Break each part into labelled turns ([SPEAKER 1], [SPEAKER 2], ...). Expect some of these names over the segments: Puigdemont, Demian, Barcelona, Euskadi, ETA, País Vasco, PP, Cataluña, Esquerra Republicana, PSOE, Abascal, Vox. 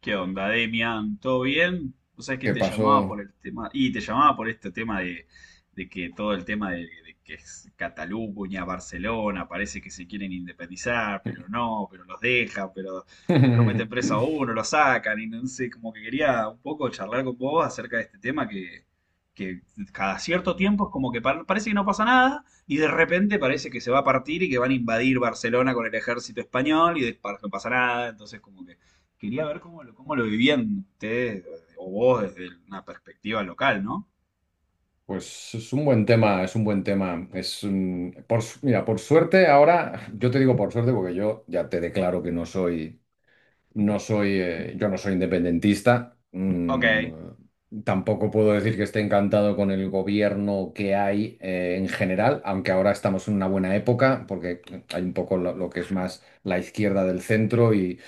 [SPEAKER 1] ¿Qué onda, Demian? ¿Todo bien? O sea, que
[SPEAKER 2] ¿Qué
[SPEAKER 1] te llamaba por
[SPEAKER 2] pasó?
[SPEAKER 1] el tema, y te llamaba por este tema de, que todo el tema de que es Cataluña, Barcelona, parece que se quieren independizar, pero no, pero los dejan, pero lo meten preso a uno, lo sacan, y no sé, como que quería un poco charlar con vos acerca de este tema que cada cierto tiempo es como que parece que no pasa nada, y de repente parece que se va a partir y que van a invadir Barcelona con el ejército español, y después no pasa nada, entonces como que quería ver cómo lo vivían ustedes o vos desde una perspectiva local, ¿no?
[SPEAKER 2] Pues es un buen tema, es un buen tema. Es un- por, su- mira, por suerte ahora, yo te digo por suerte porque yo ya te declaro que yo no soy independentista.
[SPEAKER 1] Ok,
[SPEAKER 2] mm,
[SPEAKER 1] están
[SPEAKER 2] tampoco puedo decir que esté encantado con el gobierno que hay, en general, aunque ahora estamos en una buena época, porque hay un poco lo que es más la izquierda del centro, y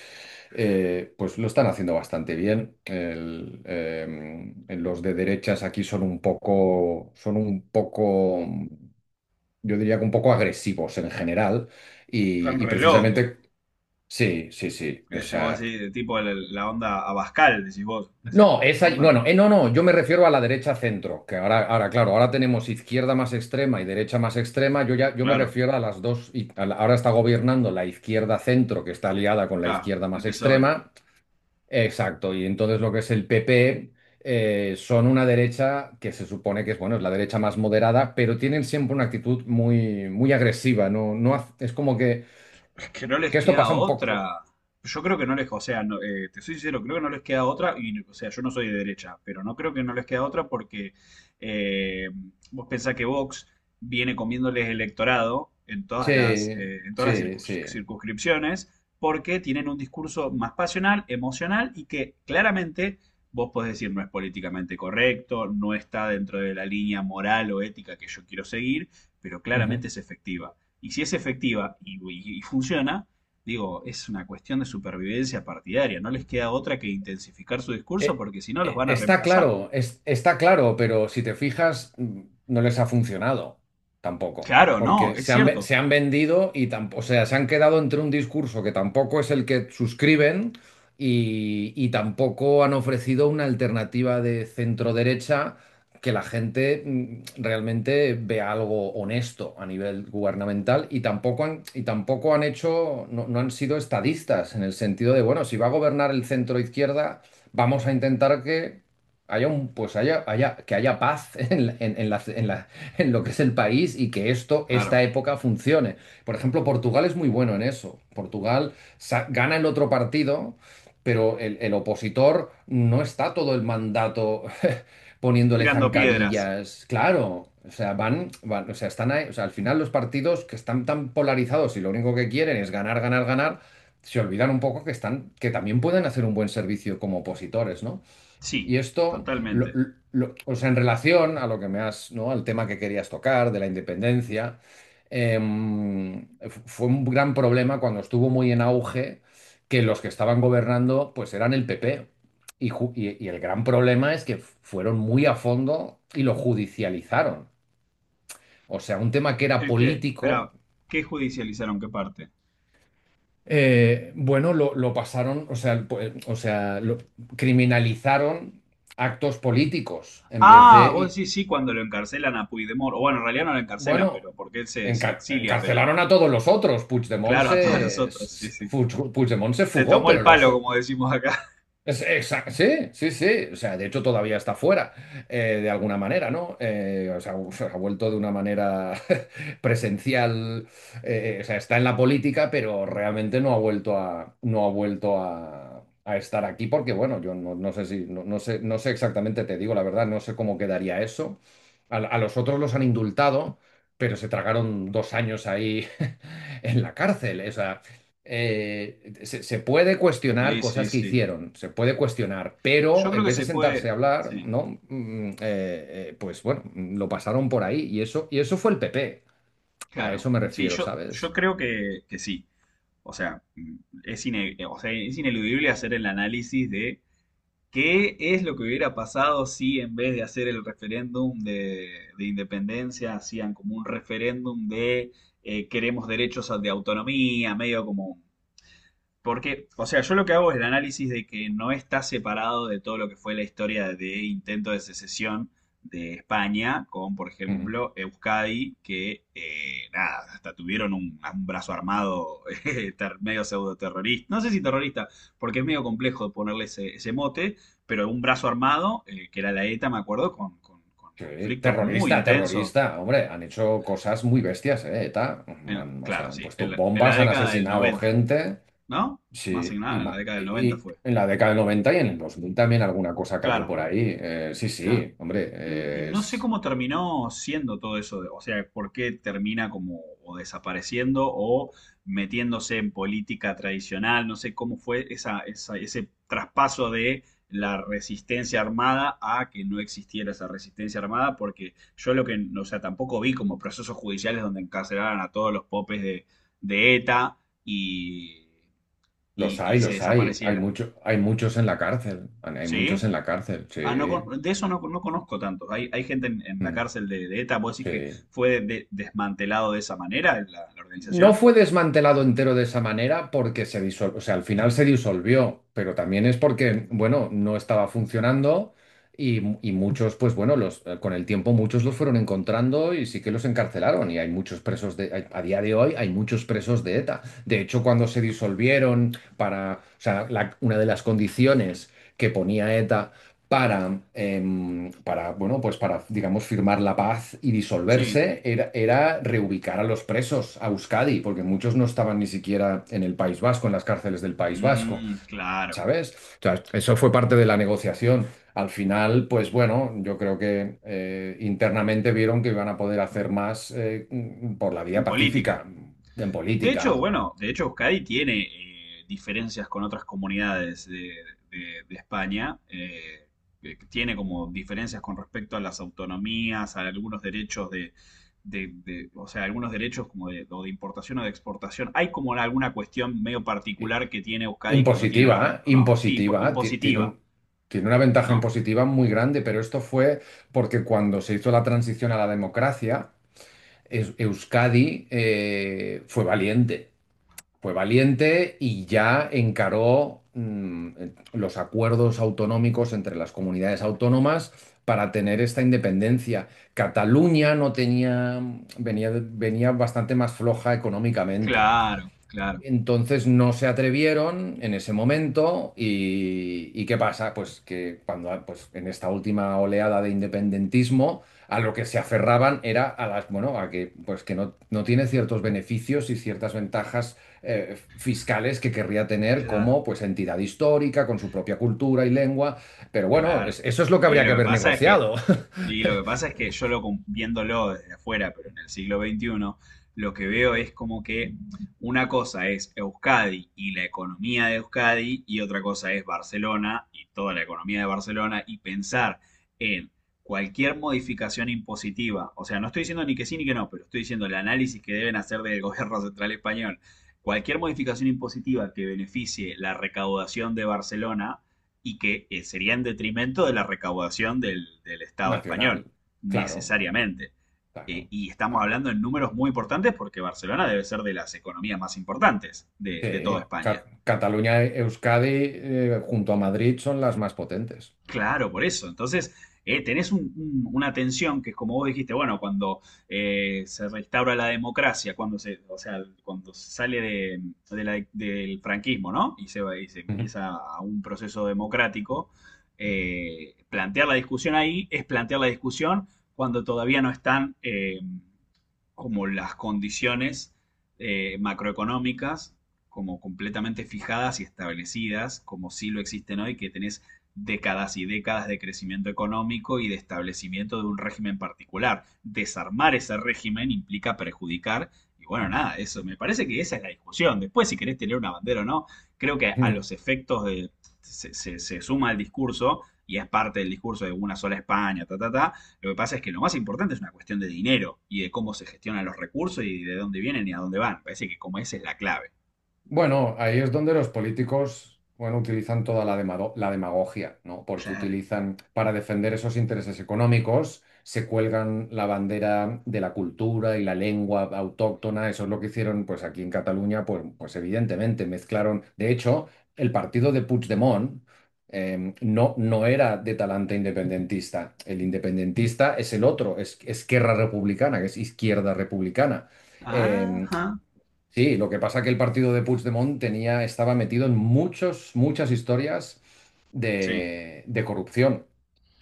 [SPEAKER 2] pues lo están haciendo bastante bien. Los de derechas aquí son un poco, yo diría que un poco agresivos en general, y
[SPEAKER 1] re loco.
[SPEAKER 2] precisamente... Sí, sí, sí. O
[SPEAKER 1] Ese vos
[SPEAKER 2] sea...
[SPEAKER 1] decís, tipo la onda Abascal, decís vos,
[SPEAKER 2] No,
[SPEAKER 1] esa onda.
[SPEAKER 2] bueno, no, no, yo me refiero a la derecha centro, que ahora, claro, ahora tenemos izquierda más extrema y derecha más extrema. Yo me
[SPEAKER 1] Claro,
[SPEAKER 2] refiero a las dos, y ahora está gobernando la izquierda centro, que está aliada con la
[SPEAKER 1] acá,
[SPEAKER 2] izquierda
[SPEAKER 1] el
[SPEAKER 2] más
[SPEAKER 1] PSOE.
[SPEAKER 2] extrema. Exacto, y entonces lo que es el PP, son una derecha que se supone que es, bueno, es la derecha más moderada, pero tienen siempre una actitud muy, muy agresiva, ¿no? No, es como que,
[SPEAKER 1] Es que no les
[SPEAKER 2] que esto
[SPEAKER 1] queda
[SPEAKER 2] pasa un poco.
[SPEAKER 1] otra. Yo creo que no les, o sea, no, te soy sincero, creo que no les queda otra, y o sea, yo no soy de derecha, pero no creo que no les queda otra porque eh, vos pensás que Vox viene comiéndoles electorado
[SPEAKER 2] Sí,
[SPEAKER 1] en todas las
[SPEAKER 2] sí, sí.
[SPEAKER 1] circunscripciones porque tienen un discurso más pasional, emocional y que claramente vos podés decir no es políticamente correcto, no está dentro de la línea moral o ética que yo quiero seguir, pero claramente
[SPEAKER 2] Ujú.
[SPEAKER 1] es efectiva. Y si es efectiva y funciona, digo, es una cuestión de supervivencia partidaria. No les queda otra que intensificar su discurso
[SPEAKER 2] Eh,
[SPEAKER 1] porque si no los
[SPEAKER 2] eh,
[SPEAKER 1] van a
[SPEAKER 2] está
[SPEAKER 1] reemplazar.
[SPEAKER 2] claro, está claro, pero si te fijas, no les ha funcionado tampoco,
[SPEAKER 1] Claro, no,
[SPEAKER 2] porque
[SPEAKER 1] es
[SPEAKER 2] se han, ve-
[SPEAKER 1] cierto.
[SPEAKER 2] se han vendido y tampoco, o sea, se han quedado entre un discurso que tampoco es el que suscriben, y tampoco han ofrecido una alternativa de centro derecha que la gente realmente vea algo honesto a nivel gubernamental, y tampoco han hecho, no han sido estadistas en el sentido de, bueno, si va a gobernar el centro izquierda, vamos a intentar que haya un, pues haya, haya, que haya paz en lo que es el país y que esto,
[SPEAKER 1] Claro.
[SPEAKER 2] esta época funcione. Por ejemplo, Portugal es muy bueno en eso. Portugal gana el otro partido, pero el opositor no está todo el mandato poniéndole
[SPEAKER 1] Tirando piedras.
[SPEAKER 2] zancadillas. Claro. O sea, o sea, al final los partidos que están tan polarizados y lo único que quieren es ganar, ganar, ganar, se olvidan un poco que están, que también pueden hacer un buen servicio como opositores, ¿no? Y
[SPEAKER 1] Sí,
[SPEAKER 2] esto,
[SPEAKER 1] totalmente.
[SPEAKER 2] o sea, en relación a lo que me has, ¿no? Al tema que querías tocar de la independencia, Fue un gran problema cuando estuvo muy en auge que los que estaban gobernando, pues eran el PP. Y el gran problema es que fueron muy a fondo y lo judicializaron. O sea, un tema que era
[SPEAKER 1] El que,
[SPEAKER 2] político...
[SPEAKER 1] espera, ¿qué judicializaron? ¿Qué parte?
[SPEAKER 2] Bueno, lo pasaron, o sea, pues, o sea, criminalizaron actos políticos en vez
[SPEAKER 1] Ah, vos
[SPEAKER 2] de,
[SPEAKER 1] decís sí cuando lo encarcelan a Puigdemont. O bueno, en realidad no lo encarcelan,
[SPEAKER 2] bueno,
[SPEAKER 1] pero porque él se, se exilia,
[SPEAKER 2] encarcelaron
[SPEAKER 1] pero
[SPEAKER 2] a todos los otros. Puigdemont
[SPEAKER 1] claro, a todos los
[SPEAKER 2] se,
[SPEAKER 1] otros, sí,
[SPEAKER 2] s-
[SPEAKER 1] sí.
[SPEAKER 2] Puig- Puigdemont se
[SPEAKER 1] Se
[SPEAKER 2] fugó,
[SPEAKER 1] tomó el
[SPEAKER 2] pero los...
[SPEAKER 1] palo, como decimos acá.
[SPEAKER 2] Sí, sí, sí. O sea, de hecho todavía está fuera, de alguna manera, ¿no? O sea, se ha vuelto de una manera presencial. O sea, está en la política, pero realmente no ha vuelto a a estar aquí porque, bueno, yo no, no sé si, no sé exactamente, te digo la verdad, no sé cómo quedaría eso. A los otros los han indultado, pero se tragaron 2 años ahí en la cárcel. O sea, se puede cuestionar
[SPEAKER 1] Sí, sí,
[SPEAKER 2] cosas que
[SPEAKER 1] sí.
[SPEAKER 2] hicieron, se puede cuestionar,
[SPEAKER 1] Yo
[SPEAKER 2] pero
[SPEAKER 1] creo
[SPEAKER 2] en
[SPEAKER 1] que
[SPEAKER 2] vez de
[SPEAKER 1] se
[SPEAKER 2] sentarse
[SPEAKER 1] puede,
[SPEAKER 2] a hablar,
[SPEAKER 1] sí.
[SPEAKER 2] ¿no? Pues bueno, lo pasaron por ahí y eso fue el PP. A
[SPEAKER 1] Claro.
[SPEAKER 2] eso me
[SPEAKER 1] Sí,
[SPEAKER 2] refiero,
[SPEAKER 1] yo
[SPEAKER 2] ¿sabes?
[SPEAKER 1] creo que sí. O sea, mm, o sea, es ineludible hacer el análisis de qué es lo que hubiera pasado si en vez de hacer el referéndum de, independencia hacían como un referéndum de queremos derechos de autonomía, medio como porque, o sea, yo lo que hago es el análisis de que no está separado de todo lo que fue la historia de intento de secesión de España con, por
[SPEAKER 2] Mm.
[SPEAKER 1] ejemplo, Euskadi, que nada, hasta tuvieron un brazo armado medio pseudo terrorista. No sé si terrorista, porque es medio complejo ponerle ese, ese mote, pero un brazo armado, que era la ETA, me acuerdo, con, con
[SPEAKER 2] Sí,
[SPEAKER 1] conflictos muy
[SPEAKER 2] terrorista,
[SPEAKER 1] intensos.
[SPEAKER 2] terrorista, hombre, han hecho cosas muy bestias, ¿eh? ETA.
[SPEAKER 1] En
[SPEAKER 2] O
[SPEAKER 1] claro,
[SPEAKER 2] sea, han
[SPEAKER 1] sí,
[SPEAKER 2] puesto
[SPEAKER 1] en la,
[SPEAKER 2] bombas, han
[SPEAKER 1] década del
[SPEAKER 2] asesinado
[SPEAKER 1] 90,
[SPEAKER 2] gente.
[SPEAKER 1] ¿no? Más que
[SPEAKER 2] Sí, y,
[SPEAKER 1] nada, en la
[SPEAKER 2] ma-
[SPEAKER 1] década
[SPEAKER 2] y-
[SPEAKER 1] del 90
[SPEAKER 2] y
[SPEAKER 1] fue.
[SPEAKER 2] en la década del 90 y en el 2000 también alguna cosa cayó
[SPEAKER 1] Claro.
[SPEAKER 2] por ahí. Sí,
[SPEAKER 1] Claro.
[SPEAKER 2] sí, hombre,
[SPEAKER 1] Y no sé
[SPEAKER 2] es...
[SPEAKER 1] cómo terminó siendo todo eso, de- o sea, por qué termina como o desapareciendo o metiéndose en política tradicional, no sé cómo fue esa, ese traspaso de la resistencia armada a que no existiera esa resistencia armada, porque yo lo que, o sea, tampoco vi como procesos judiciales donde encarcelaran a todos los popes de ETA y,
[SPEAKER 2] Los
[SPEAKER 1] y
[SPEAKER 2] hay,
[SPEAKER 1] se
[SPEAKER 2] los hay.
[SPEAKER 1] desapareciera,
[SPEAKER 2] Hay muchos en la cárcel. Hay muchos
[SPEAKER 1] ¿sí?
[SPEAKER 2] en la cárcel, sí.
[SPEAKER 1] Ah, no, de eso no, no conozco tanto. Hay gente en la
[SPEAKER 2] Mm,
[SPEAKER 1] cárcel de ETA, ¿vos decís que
[SPEAKER 2] sí.
[SPEAKER 1] fue desmantelado de esa manera la, la
[SPEAKER 2] No
[SPEAKER 1] organización?
[SPEAKER 2] fue desmantelado entero de esa manera porque se disolvió, o sea, al final se disolvió, pero también es porque, bueno, no estaba funcionando, y, y muchos, pues bueno, con el tiempo muchos los fueron encontrando y sí que los encarcelaron y hay muchos presos de, hay- a día de hoy hay muchos presos de ETA. De hecho, cuando se disolvieron, para, o sea, una de las condiciones que ponía ETA para, para, bueno, pues para, digamos, firmar la paz y
[SPEAKER 1] Sí.
[SPEAKER 2] disolverse, era reubicar a los presos a Euskadi, porque muchos no estaban ni siquiera en el País Vasco, en las cárceles del País Vasco,
[SPEAKER 1] Mm, claro.
[SPEAKER 2] ¿sabes? O sea, eso fue parte de la negociación. Al final, pues bueno, yo creo que internamente vieron que iban a poder hacer más por la vía
[SPEAKER 1] En política.
[SPEAKER 2] pacífica, en
[SPEAKER 1] De hecho,
[SPEAKER 2] política.
[SPEAKER 1] bueno, de hecho Euskadi tiene diferencias con otras comunidades de, de España, que tiene como diferencias con respecto a las autonomías, a algunos derechos de, o sea, algunos derechos como de, o de importación o de exportación. Hay como alguna cuestión medio particular que tiene Euskadi que no tiene el
[SPEAKER 2] Impositiva,
[SPEAKER 1] resto,
[SPEAKER 2] ¿eh?
[SPEAKER 1] ¿no? Sí,
[SPEAKER 2] Impositiva, ti- tiene
[SPEAKER 1] impositiva,
[SPEAKER 2] un- tiene una ventaja
[SPEAKER 1] ¿no?
[SPEAKER 2] impositiva muy grande, pero esto fue porque cuando se hizo la transición a la democracia, Euskadi fue valiente y ya encaró los acuerdos autonómicos entre las comunidades autónomas para tener esta independencia. Cataluña no tenía, venía bastante más floja económicamente.
[SPEAKER 1] Claro, claro,
[SPEAKER 2] Entonces no se atrevieron en ese momento, y, ¿qué pasa? Pues que cuando pues en esta última oleada de independentismo a lo que se aferraban era a las, bueno, a que pues que no tiene ciertos beneficios y ciertas ventajas fiscales que querría tener
[SPEAKER 1] claro.
[SPEAKER 2] como pues entidad histórica con su propia cultura y lengua, pero bueno,
[SPEAKER 1] Claro.
[SPEAKER 2] eso es lo que
[SPEAKER 1] Y
[SPEAKER 2] habría que
[SPEAKER 1] lo que
[SPEAKER 2] haber
[SPEAKER 1] pasa es que,
[SPEAKER 2] negociado.
[SPEAKER 1] y lo que pasa es que yo viéndolo desde afuera, pero en el siglo XXI, lo que veo es como que una cosa es Euskadi y la economía de Euskadi, y otra cosa es Barcelona y toda la economía de Barcelona, y pensar en cualquier modificación impositiva. O sea, no estoy diciendo ni que sí ni que no, pero estoy diciendo el análisis que deben hacer del gobierno central español. Cualquier modificación impositiva que beneficie la recaudación de Barcelona y que sería en detrimento de la recaudación del, del Estado español,
[SPEAKER 2] Nacional, claro,
[SPEAKER 1] necesariamente.
[SPEAKER 2] claro,
[SPEAKER 1] Y estamos
[SPEAKER 2] claro.
[SPEAKER 1] hablando en números muy importantes porque Barcelona debe ser de las economías más importantes
[SPEAKER 2] Sí,
[SPEAKER 1] de toda España.
[SPEAKER 2] Cataluña, Euskadi, junto a Madrid, son las más potentes.
[SPEAKER 1] Claro, por eso. Entonces, tenés una tensión que es como vos dijiste, bueno, cuando se restaura la democracia, cuando se, o sea, cuando se sale de la del franquismo, ¿no? Y y se empieza a un proceso democrático, plantear la discusión ahí es plantear la discusión cuando todavía no están como las condiciones macroeconómicas como completamente fijadas y establecidas, como sí lo existen hoy, que tenés décadas y décadas de crecimiento económico y de establecimiento de un régimen particular. Desarmar ese régimen implica perjudicar. Y bueno, nada, eso me parece que esa es la discusión. Después, si querés tener una bandera o no, creo que a
[SPEAKER 2] Ujú.
[SPEAKER 1] los efectos de, se suma el discurso y es parte del discurso de una sola España, ta, ta, ta. Lo que pasa es que lo más importante es una cuestión de dinero y de cómo se gestionan los recursos y de dónde vienen y a dónde van. Parece que como esa es la clave.
[SPEAKER 2] Bueno, ahí es donde los políticos, bueno, utilizan toda la la demagogia, ¿no? Porque
[SPEAKER 1] Claro.
[SPEAKER 2] utilizan, para defender esos intereses económicos, se cuelgan la bandera de la cultura y la lengua autóctona. Eso es lo que hicieron, pues aquí en Cataluña, pues, pues evidentemente mezclaron. De hecho, el partido de Puigdemont no era de talante independentista. El independentista es el otro, es Esquerra Republicana, que es izquierda republicana. Eh,
[SPEAKER 1] Ajá.
[SPEAKER 2] Sí, lo que pasa que el partido de Puigdemont tenía, estaba metido en muchas historias
[SPEAKER 1] Sí.
[SPEAKER 2] de corrupción,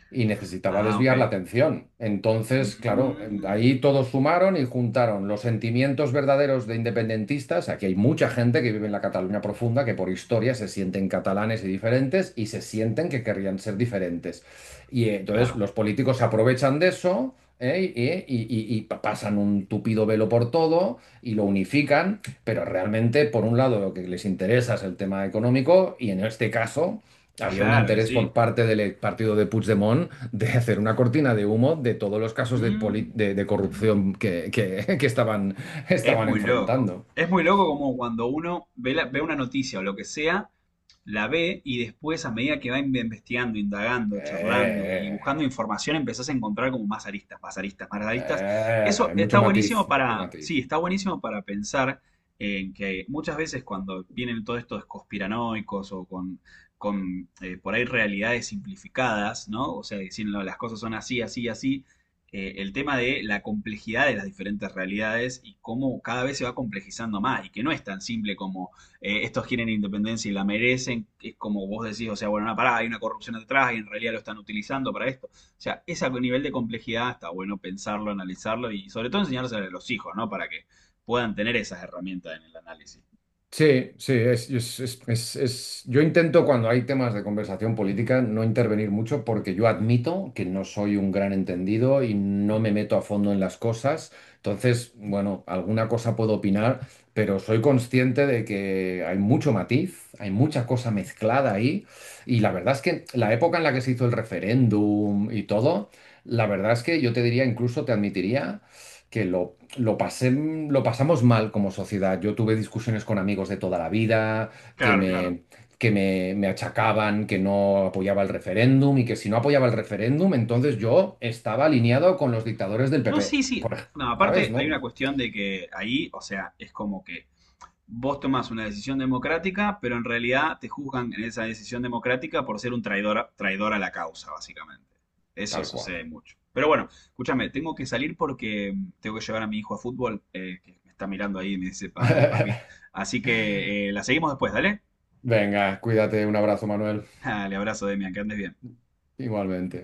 [SPEAKER 2] y necesitaba
[SPEAKER 1] Ah, ok.
[SPEAKER 2] desviar la atención. Entonces, claro,
[SPEAKER 1] Mm.
[SPEAKER 2] ahí todos sumaron y juntaron los sentimientos verdaderos de independentistas. Aquí hay mucha gente que vive en la Cataluña profunda, que por historia se sienten catalanes y diferentes y se sienten que querrían ser diferentes. Y entonces
[SPEAKER 1] Claro,
[SPEAKER 2] los políticos se aprovechan de eso. ¿Eh? Y pasan un tupido velo por todo y lo unifican, pero realmente, por un lado, lo que les interesa es el tema económico, y en este caso, había un
[SPEAKER 1] claro, y
[SPEAKER 2] interés por
[SPEAKER 1] sí.
[SPEAKER 2] parte del partido de Puigdemont de hacer una cortina de humo de todos los casos de
[SPEAKER 1] Mm,
[SPEAKER 2] corrupción que que estaban,
[SPEAKER 1] es muy loco.
[SPEAKER 2] enfrentando.
[SPEAKER 1] Es muy loco como cuando uno ve, ve una noticia o lo que sea, la ve y después a medida que va investigando, indagando, charlando y
[SPEAKER 2] Eh,
[SPEAKER 1] buscando información, empezás a encontrar como más aristas, más aristas, más aristas.
[SPEAKER 2] eh,
[SPEAKER 1] Eso
[SPEAKER 2] eh,
[SPEAKER 1] está
[SPEAKER 2] mucho matiz,
[SPEAKER 1] buenísimo
[SPEAKER 2] mucho
[SPEAKER 1] para,
[SPEAKER 2] matiz.
[SPEAKER 1] sí, está buenísimo para pensar en que muchas veces cuando vienen todos estos conspiranoicos o con, por ahí realidades simplificadas, ¿no? O sea, diciendo las cosas son así, así, así el tema de la complejidad de las diferentes realidades y cómo cada vez se va complejizando más y que no es tan simple como estos quieren independencia y la merecen, que es como vos decís, o sea, bueno, no, pará, hay una corrupción detrás y en realidad lo están utilizando para esto. O sea, ese nivel de complejidad está bueno pensarlo, analizarlo y sobre todo enseñárselo a los hijos, ¿no? Para que puedan tener esas herramientas en el análisis.
[SPEAKER 2] Sí, sí, es, yo intento, cuando hay temas de conversación política, no intervenir mucho porque yo admito que no soy un gran entendido y no me meto a fondo en las cosas. Entonces, bueno, alguna cosa puedo opinar, pero soy consciente de que hay mucho matiz, hay mucha cosa mezclada ahí, y la verdad es que la época en la que se hizo el referéndum y todo, la verdad es que yo te diría, incluso te admitiría, que lo pasé, lo pasamos mal como sociedad. Yo tuve discusiones con amigos de toda la vida, que
[SPEAKER 1] Claro, claro.
[SPEAKER 2] me, que me achacaban que no apoyaba el referéndum y que si no apoyaba el referéndum, entonces yo estaba alineado con los dictadores del
[SPEAKER 1] No,
[SPEAKER 2] PP,
[SPEAKER 1] sí, sí. No,
[SPEAKER 2] ¿sabes?
[SPEAKER 1] aparte hay
[SPEAKER 2] ¿No?
[SPEAKER 1] una cuestión de que ahí, o sea, es como que vos tomás una decisión democrática, pero en realidad te juzgan en esa decisión democrática por ser un traidor, traidor a la causa, básicamente. Eso
[SPEAKER 2] Tal cual.
[SPEAKER 1] sucede mucho. Pero bueno, escúchame, tengo que salir porque tengo que llevar a mi hijo a fútbol, que me está mirando ahí y me dice, Dale, papi." Así que la seguimos después, dale.
[SPEAKER 2] Venga, cuídate, un abrazo, Manuel.
[SPEAKER 1] Dale, abrazo, Demian, que andes bien.
[SPEAKER 2] Igualmente.